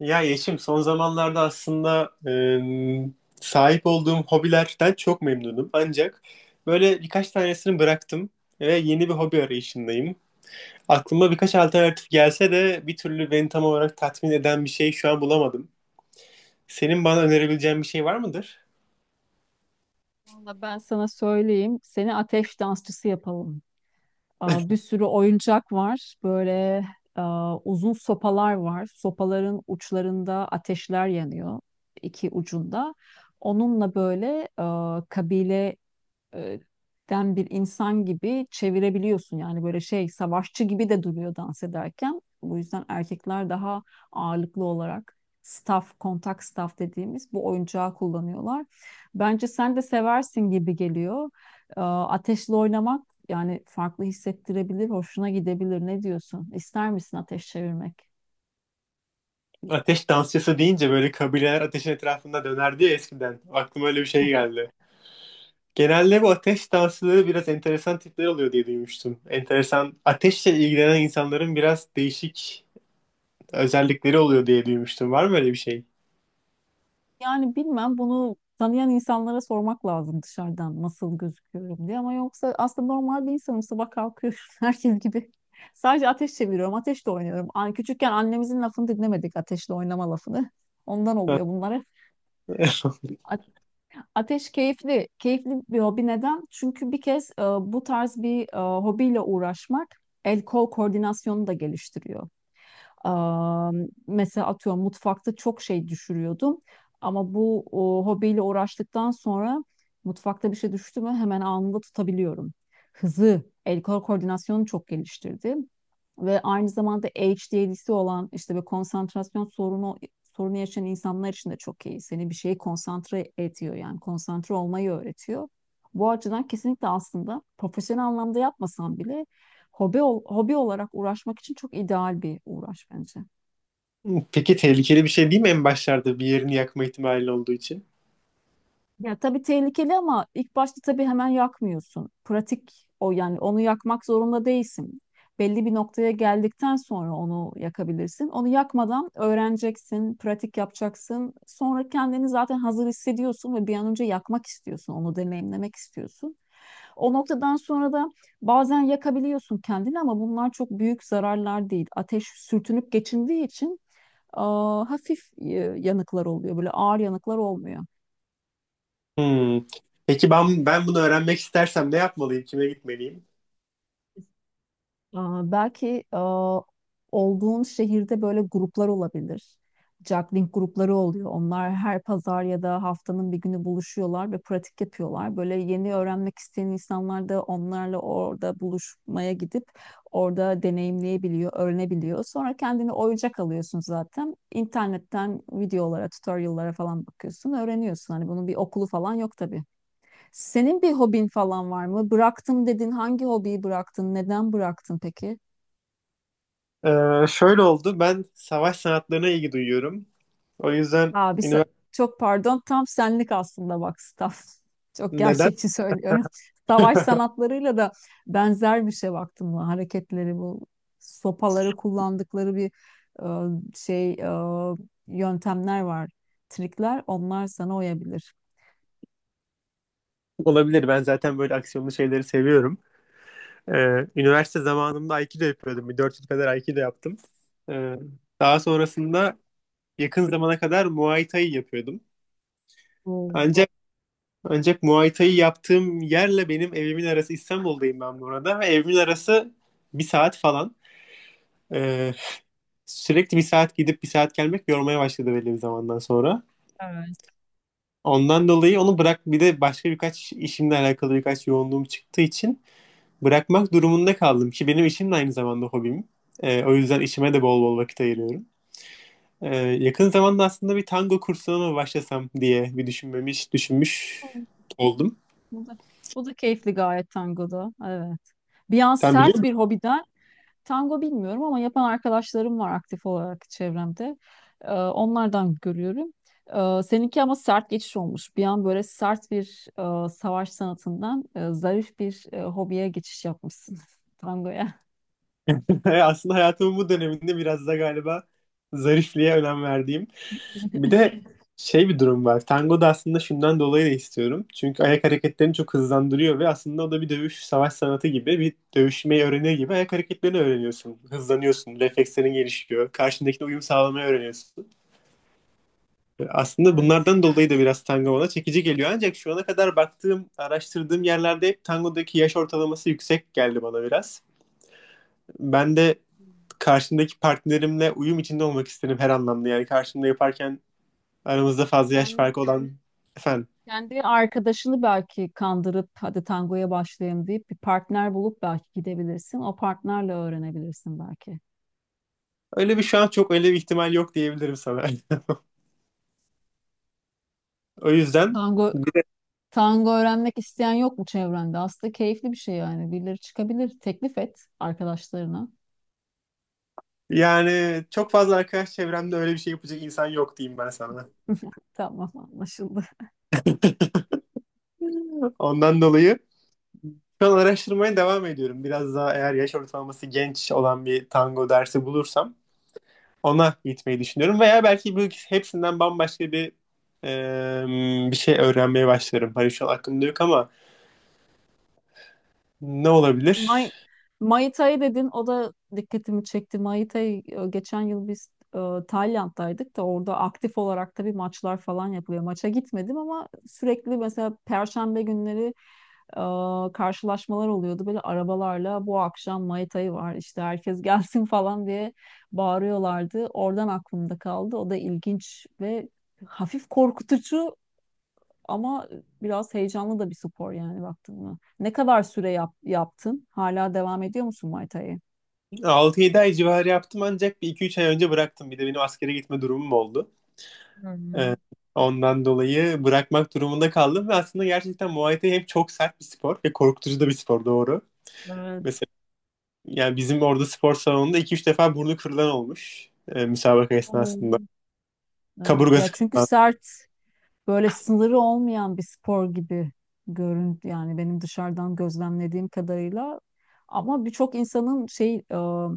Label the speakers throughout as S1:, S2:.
S1: Ya Yeşim, son zamanlarda aslında sahip olduğum hobilerden çok memnunum. Ancak böyle birkaç tanesini bıraktım ve yeni bir hobi arayışındayım. Aklıma birkaç alternatif gelse de bir türlü beni tam olarak tatmin eden bir şey şu an bulamadım. Senin bana önerebileceğin bir şey var mıdır?
S2: Valla ben sana söyleyeyim. Seni ateş dansçısı yapalım. Bir sürü oyuncak var. Böyle uzun sopalar var. Sopaların uçlarında ateşler yanıyor. İki ucunda. Onunla böyle aa, kabile e, den bir insan gibi çevirebiliyorsun. Yani böyle şey savaşçı gibi de duruyor dans ederken. Bu yüzden erkekler daha ağırlıklı olarak staff, kontak staff dediğimiz bu oyuncağı kullanıyorlar. Bence sen de seversin gibi geliyor. Ateşle oynamak yani farklı hissettirebilir, hoşuna gidebilir. Ne diyorsun? İster misin ateş çevirmek?
S1: Ateş dansçısı deyince böyle kabileler ateşin etrafında dönerdi ya eskiden. Aklıma öyle bir şey geldi. Genelde bu ateş dansçıları biraz enteresan tipler oluyor diye duymuştum. Enteresan, ateşle ilgilenen insanların biraz değişik özellikleri oluyor diye duymuştum. Var mı öyle bir şey?
S2: Yani bilmem bunu tanıyan insanlara sormak lazım dışarıdan nasıl gözüküyorum diye, ama yoksa aslında normal bir insanım, sabah kalkıyorum herkes gibi. Sadece ateş çeviriyorum, ateşle oynuyorum. An küçükken annemizin lafını dinlemedik, ateşle oynama lafını. Ondan oluyor bunlara. A- Ateş keyifli, keyifli bir hobi. Neden? Çünkü bir kez bu tarz bir hobiyle uğraşmak el kol koordinasyonunu da geliştiriyor. Mesela atıyorum, mutfakta çok şey düşürüyordum. Ama bu hobiyle uğraştıktan sonra mutfakta bir şey düştü mü hemen anında tutabiliyorum. Hızı, el kol koordinasyonu çok geliştirdi ve aynı zamanda ADHD'si olan, işte bir konsantrasyon sorunu yaşayan insanlar için de çok iyi. Seni bir şeye konsantre ediyor, yani konsantre olmayı öğretiyor. Bu açıdan kesinlikle aslında profesyonel anlamda yapmasan bile hobi hobi olarak uğraşmak için çok ideal bir uğraş bence.
S1: Peki tehlikeli bir şey değil mi, en başlarda bir yerini yakma ihtimali olduğu için?
S2: Ya tabii tehlikeli, ama ilk başta tabii hemen yakmıyorsun. Pratik yani onu yakmak zorunda değilsin. Belli bir noktaya geldikten sonra onu yakabilirsin. Onu yakmadan öğreneceksin, pratik yapacaksın. Sonra kendini zaten hazır hissediyorsun ve bir an önce yakmak istiyorsun, onu deneyimlemek istiyorsun. O noktadan sonra da bazen yakabiliyorsun kendini ama bunlar çok büyük zararlar değil. Ateş sürtünüp geçindiği için hafif yanıklar oluyor, böyle ağır yanıklar olmuyor.
S1: Hmm. Peki ben bunu öğrenmek istersem ne yapmalıyım? Kime gitmeliyim?
S2: Belki olduğun şehirde böyle gruplar olabilir. Juggling grupları oluyor. Onlar her pazar ya da haftanın bir günü buluşuyorlar ve pratik yapıyorlar. Böyle yeni öğrenmek isteyen insanlar da onlarla orada buluşmaya gidip orada deneyimleyebiliyor, öğrenebiliyor. Sonra kendini oyuncak alıyorsun zaten. İnternetten videolara, tutorial'lara falan bakıyorsun, öğreniyorsun. Hani bunun bir okulu falan yok tabii. Senin bir hobin falan var mı? Bıraktım dedin. Hangi hobiyi bıraktın? Neden bıraktın peki?
S1: Şöyle oldu. Ben savaş sanatlarına ilgi duyuyorum. O yüzden
S2: Abi sa-
S1: üniversite
S2: Çok pardon, tam senlik aslında bak, staff. Çok
S1: neden
S2: gerçekçi söylüyorum. Savaş sanatlarıyla da benzer bir şey baktın mı? Hareketleri, bu sopaları kullandıkları bir e, şey e, yöntemler var. Trikler, onlar sana uyabilir.
S1: olabilir? Ben zaten böyle aksiyonlu şeyleri seviyorum. Üniversite zamanımda Aikido yapıyordum. Bir 4 yıl kadar Aikido yaptım. Ee, daha sonrasında yakın zamana kadar Muay Thai yapıyordum.
S2: Oo,
S1: Ancak Ancak Muay Thai yaptığım yerle benim evimin arası, İstanbul'dayım ben bu arada, ve evimin arası bir saat falan. Ee, sürekli bir saat gidip bir saat gelmek yormaya başladı belli bir zamandan sonra.
S2: evet.
S1: Ondan dolayı onu bırak, bir de başka birkaç işimle alakalı birkaç yoğunluğum çıktığı için bırakmak durumunda kaldım ki benim işim de aynı zamanda hobim. O yüzden işime de bol bol vakit ayırıyorum. Yakın zamanda aslında bir tango kursuna mı başlasam diye bir düşünmüş oldum.
S2: Bu da, bu da keyifli gayet tangoda. Evet. Bir an
S1: Sen
S2: sert
S1: biliyor...
S2: bir hobiden. Tango bilmiyorum ama yapan arkadaşlarım var aktif olarak çevremde. Onlardan görüyorum. Seninki ama sert geçiş olmuş. Bir an böyle sert bir savaş sanatından zarif bir hobiye geçiş yapmışsın tangoya.
S1: Aslında hayatımın bu döneminde biraz da galiba zarifliğe önem verdiğim. Bir de şey, bir durum var. Tango da aslında şundan dolayı da istiyorum. Çünkü ayak hareketlerini çok hızlandırıyor ve aslında o da bir dövüş, savaş sanatı gibi, bir dövüşmeyi öğrenir gibi ayak hareketlerini öğreniyorsun. Hızlanıyorsun, reflekslerin gelişiyor, karşındakine uyum sağlamayı öğreniyorsun. Aslında
S2: Evet.
S1: bunlardan dolayı da biraz tango bana çekici geliyor. Ancak şu ana kadar baktığım, araştırdığım yerlerde hep tangodaki yaş ortalaması yüksek geldi bana biraz. Ben de karşımdaki partnerimle uyum içinde olmak isterim her anlamda. Yani karşımda yaparken aramızda fazla yaş
S2: Yani
S1: farkı olan... Efendim?
S2: kendi arkadaşını belki kandırıp hadi tangoya başlayayım deyip bir partner bulup belki gidebilirsin. O partnerle öğrenebilirsin belki.
S1: Öyle bir, şu an çok öyle bir ihtimal yok diyebilirim sana. O yüzden
S2: Tango Tango öğrenmek isteyen yok mu çevrende? Aslında keyifli bir şey yani. Birileri çıkabilir. Teklif et arkadaşlarına.
S1: yani çok fazla arkadaş çevremde öyle bir şey yapacak insan yok diyeyim ben sana.
S2: Tamam, anlaşıldı.
S1: Ondan dolayı şu an araştırmaya devam ediyorum. Biraz daha, eğer yaş ortalaması genç olan bir tango dersi bulursam, ona gitmeyi düşünüyorum. Veya belki bu hepsinden bambaşka bir şey öğrenmeye başlarım. Hani şu an aklımda yok ama ne
S2: May
S1: olabilir?
S2: Mai Tai dedin, o da dikkatimi çekti. Mai Tai, geçen yıl biz Tayland'daydık da orada aktif olarak tabii maçlar falan yapılıyor. Maça gitmedim ama sürekli mesela perşembe günleri karşılaşmalar oluyordu. Böyle arabalarla bu akşam Mai Tai var işte herkes gelsin falan diye bağırıyorlardı. Oradan aklımda kaldı. O da ilginç ve hafif korkutucu, ama biraz heyecanlı da bir spor yani, baktın mı? Ne kadar süre yaptın? Hala devam ediyor musun Muay Thai'ye?
S1: Altı yedi ay civarı yaptım ancak bir iki üç ay önce bıraktım. Bir de benim askere gitme durumum oldu.
S2: Hmm,
S1: Ee, ondan dolayı bırakmak durumunda kaldım ve aslında gerçekten Muay Thai hem çok sert bir spor ve korkutucu da bir spor, doğru.
S2: evet.
S1: Mesela yani bizim orada spor salonunda iki üç defa burnu kırılan olmuş müsabaka esnasında.
S2: Oo. Evet. Ya
S1: Kaburgası
S2: çünkü
S1: kırılan.
S2: sert, böyle sınırı olmayan bir spor gibi görün yani, benim dışarıdan gözlemlediğim kadarıyla. Ama birçok insanın şey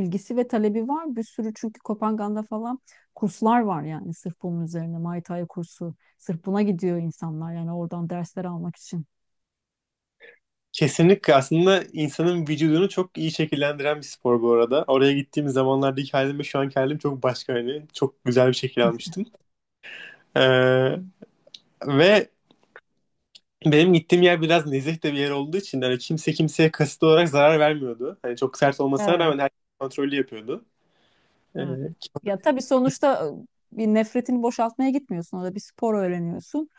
S2: ilgisi ve talebi var. Bir sürü, çünkü Kopenhag'da falan kurslar var yani sırf bunun üzerine Muay Thai kursu. Sırf buna gidiyor insanlar yani oradan dersler almak için.
S1: Kesinlikle aslında insanın vücudunu çok iyi şekillendiren bir spor bu arada. Oraya gittiğim zamanlardaki halim ve şu anki halim çok başka hani. Çok güzel bir şekil almıştım. Ee, ve benim gittiğim yer biraz nezih de bir yer olduğu için hani kimse kimseye kasıtlı olarak zarar vermiyordu. Hani çok sert olmasına
S2: Evet.
S1: rağmen herkes kontrollü yapıyordu. Ee,
S2: Evet. Ya tabii sonuçta bir nefretini boşaltmaya gitmiyorsun. Orada bir spor öğreniyorsun.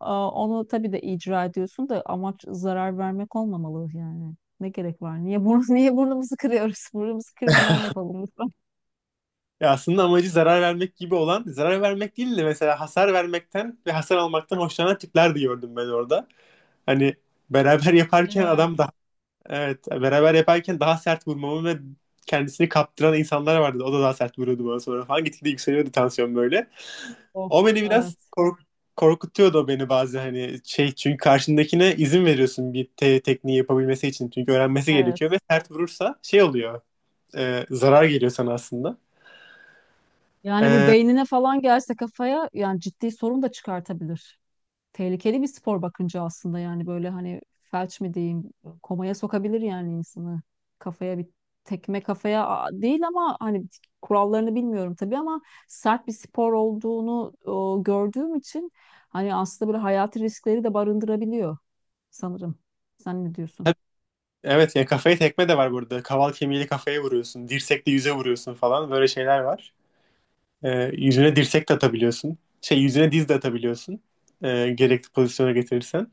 S2: Onu tabii de icra ediyorsun da amaç zarar vermek olmamalı yani. Ne gerek var? Niye burnu, niye burnumuzu kırıyoruz? Burnumuzu kırmadan yapalım lütfen.
S1: ya aslında amacı zarar vermek gibi olan, zarar vermek değil de mesela hasar vermekten ve hasar almaktan hoşlanan tipler de gördüm ben orada. Hani beraber yaparken
S2: Evet,
S1: adam daha, evet, beraber yaparken daha sert vurmamı ve kendisini kaptıran insanlar vardı. O da daha sert vuruyordu bana sonra falan. Gitgide yükseliyordu tansiyon böyle.
S2: of,
S1: O beni biraz
S2: evet,
S1: korkutuyordu beni, bazı hani şey, çünkü karşındakine izin veriyorsun bir tekniği yapabilmesi için, çünkü öğrenmesi gerekiyor, ve
S2: evet.
S1: sert vurursa şey oluyor, zarar geliyor sana aslında.
S2: Yani bu
S1: E,
S2: beynine falan gelse kafaya yani ciddi sorun da çıkartabilir. Tehlikeli bir spor bakınca aslında yani, böyle hani felç mi diyeyim, komaya sokabilir yani insanı, kafaya bir tekme, değil ama hani kurallarını bilmiyorum tabii, ama sert bir spor olduğunu gördüğüm için hani aslında böyle hayati riskleri de barındırabiliyor sanırım. Sen ne diyorsun?
S1: evet ya, kafaya tekme de var burada. Kaval kemiğiyle kafaya vuruyorsun, dirsekle yüze vuruyorsun falan, böyle şeyler var. Yüzüne dirsek de atabiliyorsun. Şey, yüzüne diz de atabiliyorsun. Gerekli pozisyona getirirsen.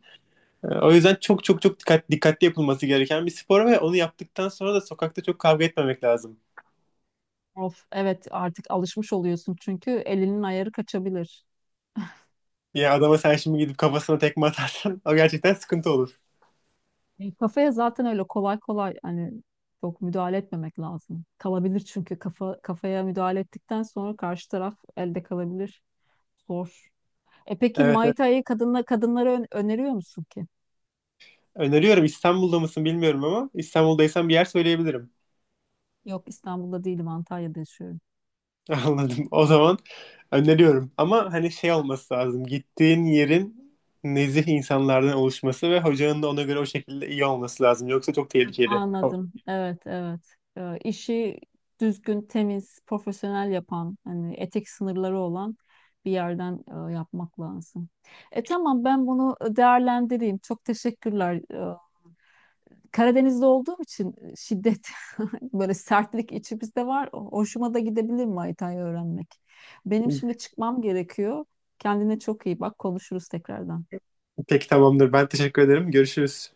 S1: O yüzden çok çok çok dikkatli yapılması gereken bir spor ve onu yaptıktan sonra da sokakta çok kavga etmemek lazım.
S2: Of evet, artık alışmış oluyorsun çünkü elinin ayarı kaçabilir.
S1: Ya adama sen şimdi gidip kafasına tekme atarsan o gerçekten sıkıntı olur.
S2: Kafaya zaten öyle kolay kolay hani çok müdahale etmemek lazım. Kalabilir çünkü kafa kafaya müdahale ettikten sonra karşı taraf elde kalabilir. Zor. E peki
S1: Evet,
S2: Muay
S1: evet.
S2: Thai'yi kadınla, öneriyor musun ki?
S1: Öneriyorum. İstanbul'da mısın bilmiyorum ama İstanbul'daysan bir yer söyleyebilirim.
S2: Yok, İstanbul'da değilim, Antalya'da yaşıyorum.
S1: Anladım. O zaman öneriyorum. Ama hani şey olması lazım. Gittiğin yerin nezih insanlardan oluşması ve hocanın da ona göre, o şekilde iyi olması lazım. Yoksa çok
S2: Hı.
S1: tehlikeli.
S2: Anladım. Evet, evet. İşi düzgün, temiz, profesyonel yapan, hani etik sınırları olan bir yerden yapmak lazım. E tamam, ben bunu değerlendireyim. Çok teşekkürler. Karadeniz'de olduğum için şiddet, böyle sertlik içimizde var. Hoşuma da gidebilir Maytay'ı öğrenmek. Benim şimdi çıkmam gerekiyor. Kendine çok iyi bak. Konuşuruz tekrardan.
S1: Peki, tamamdır. Ben teşekkür ederim. Görüşürüz.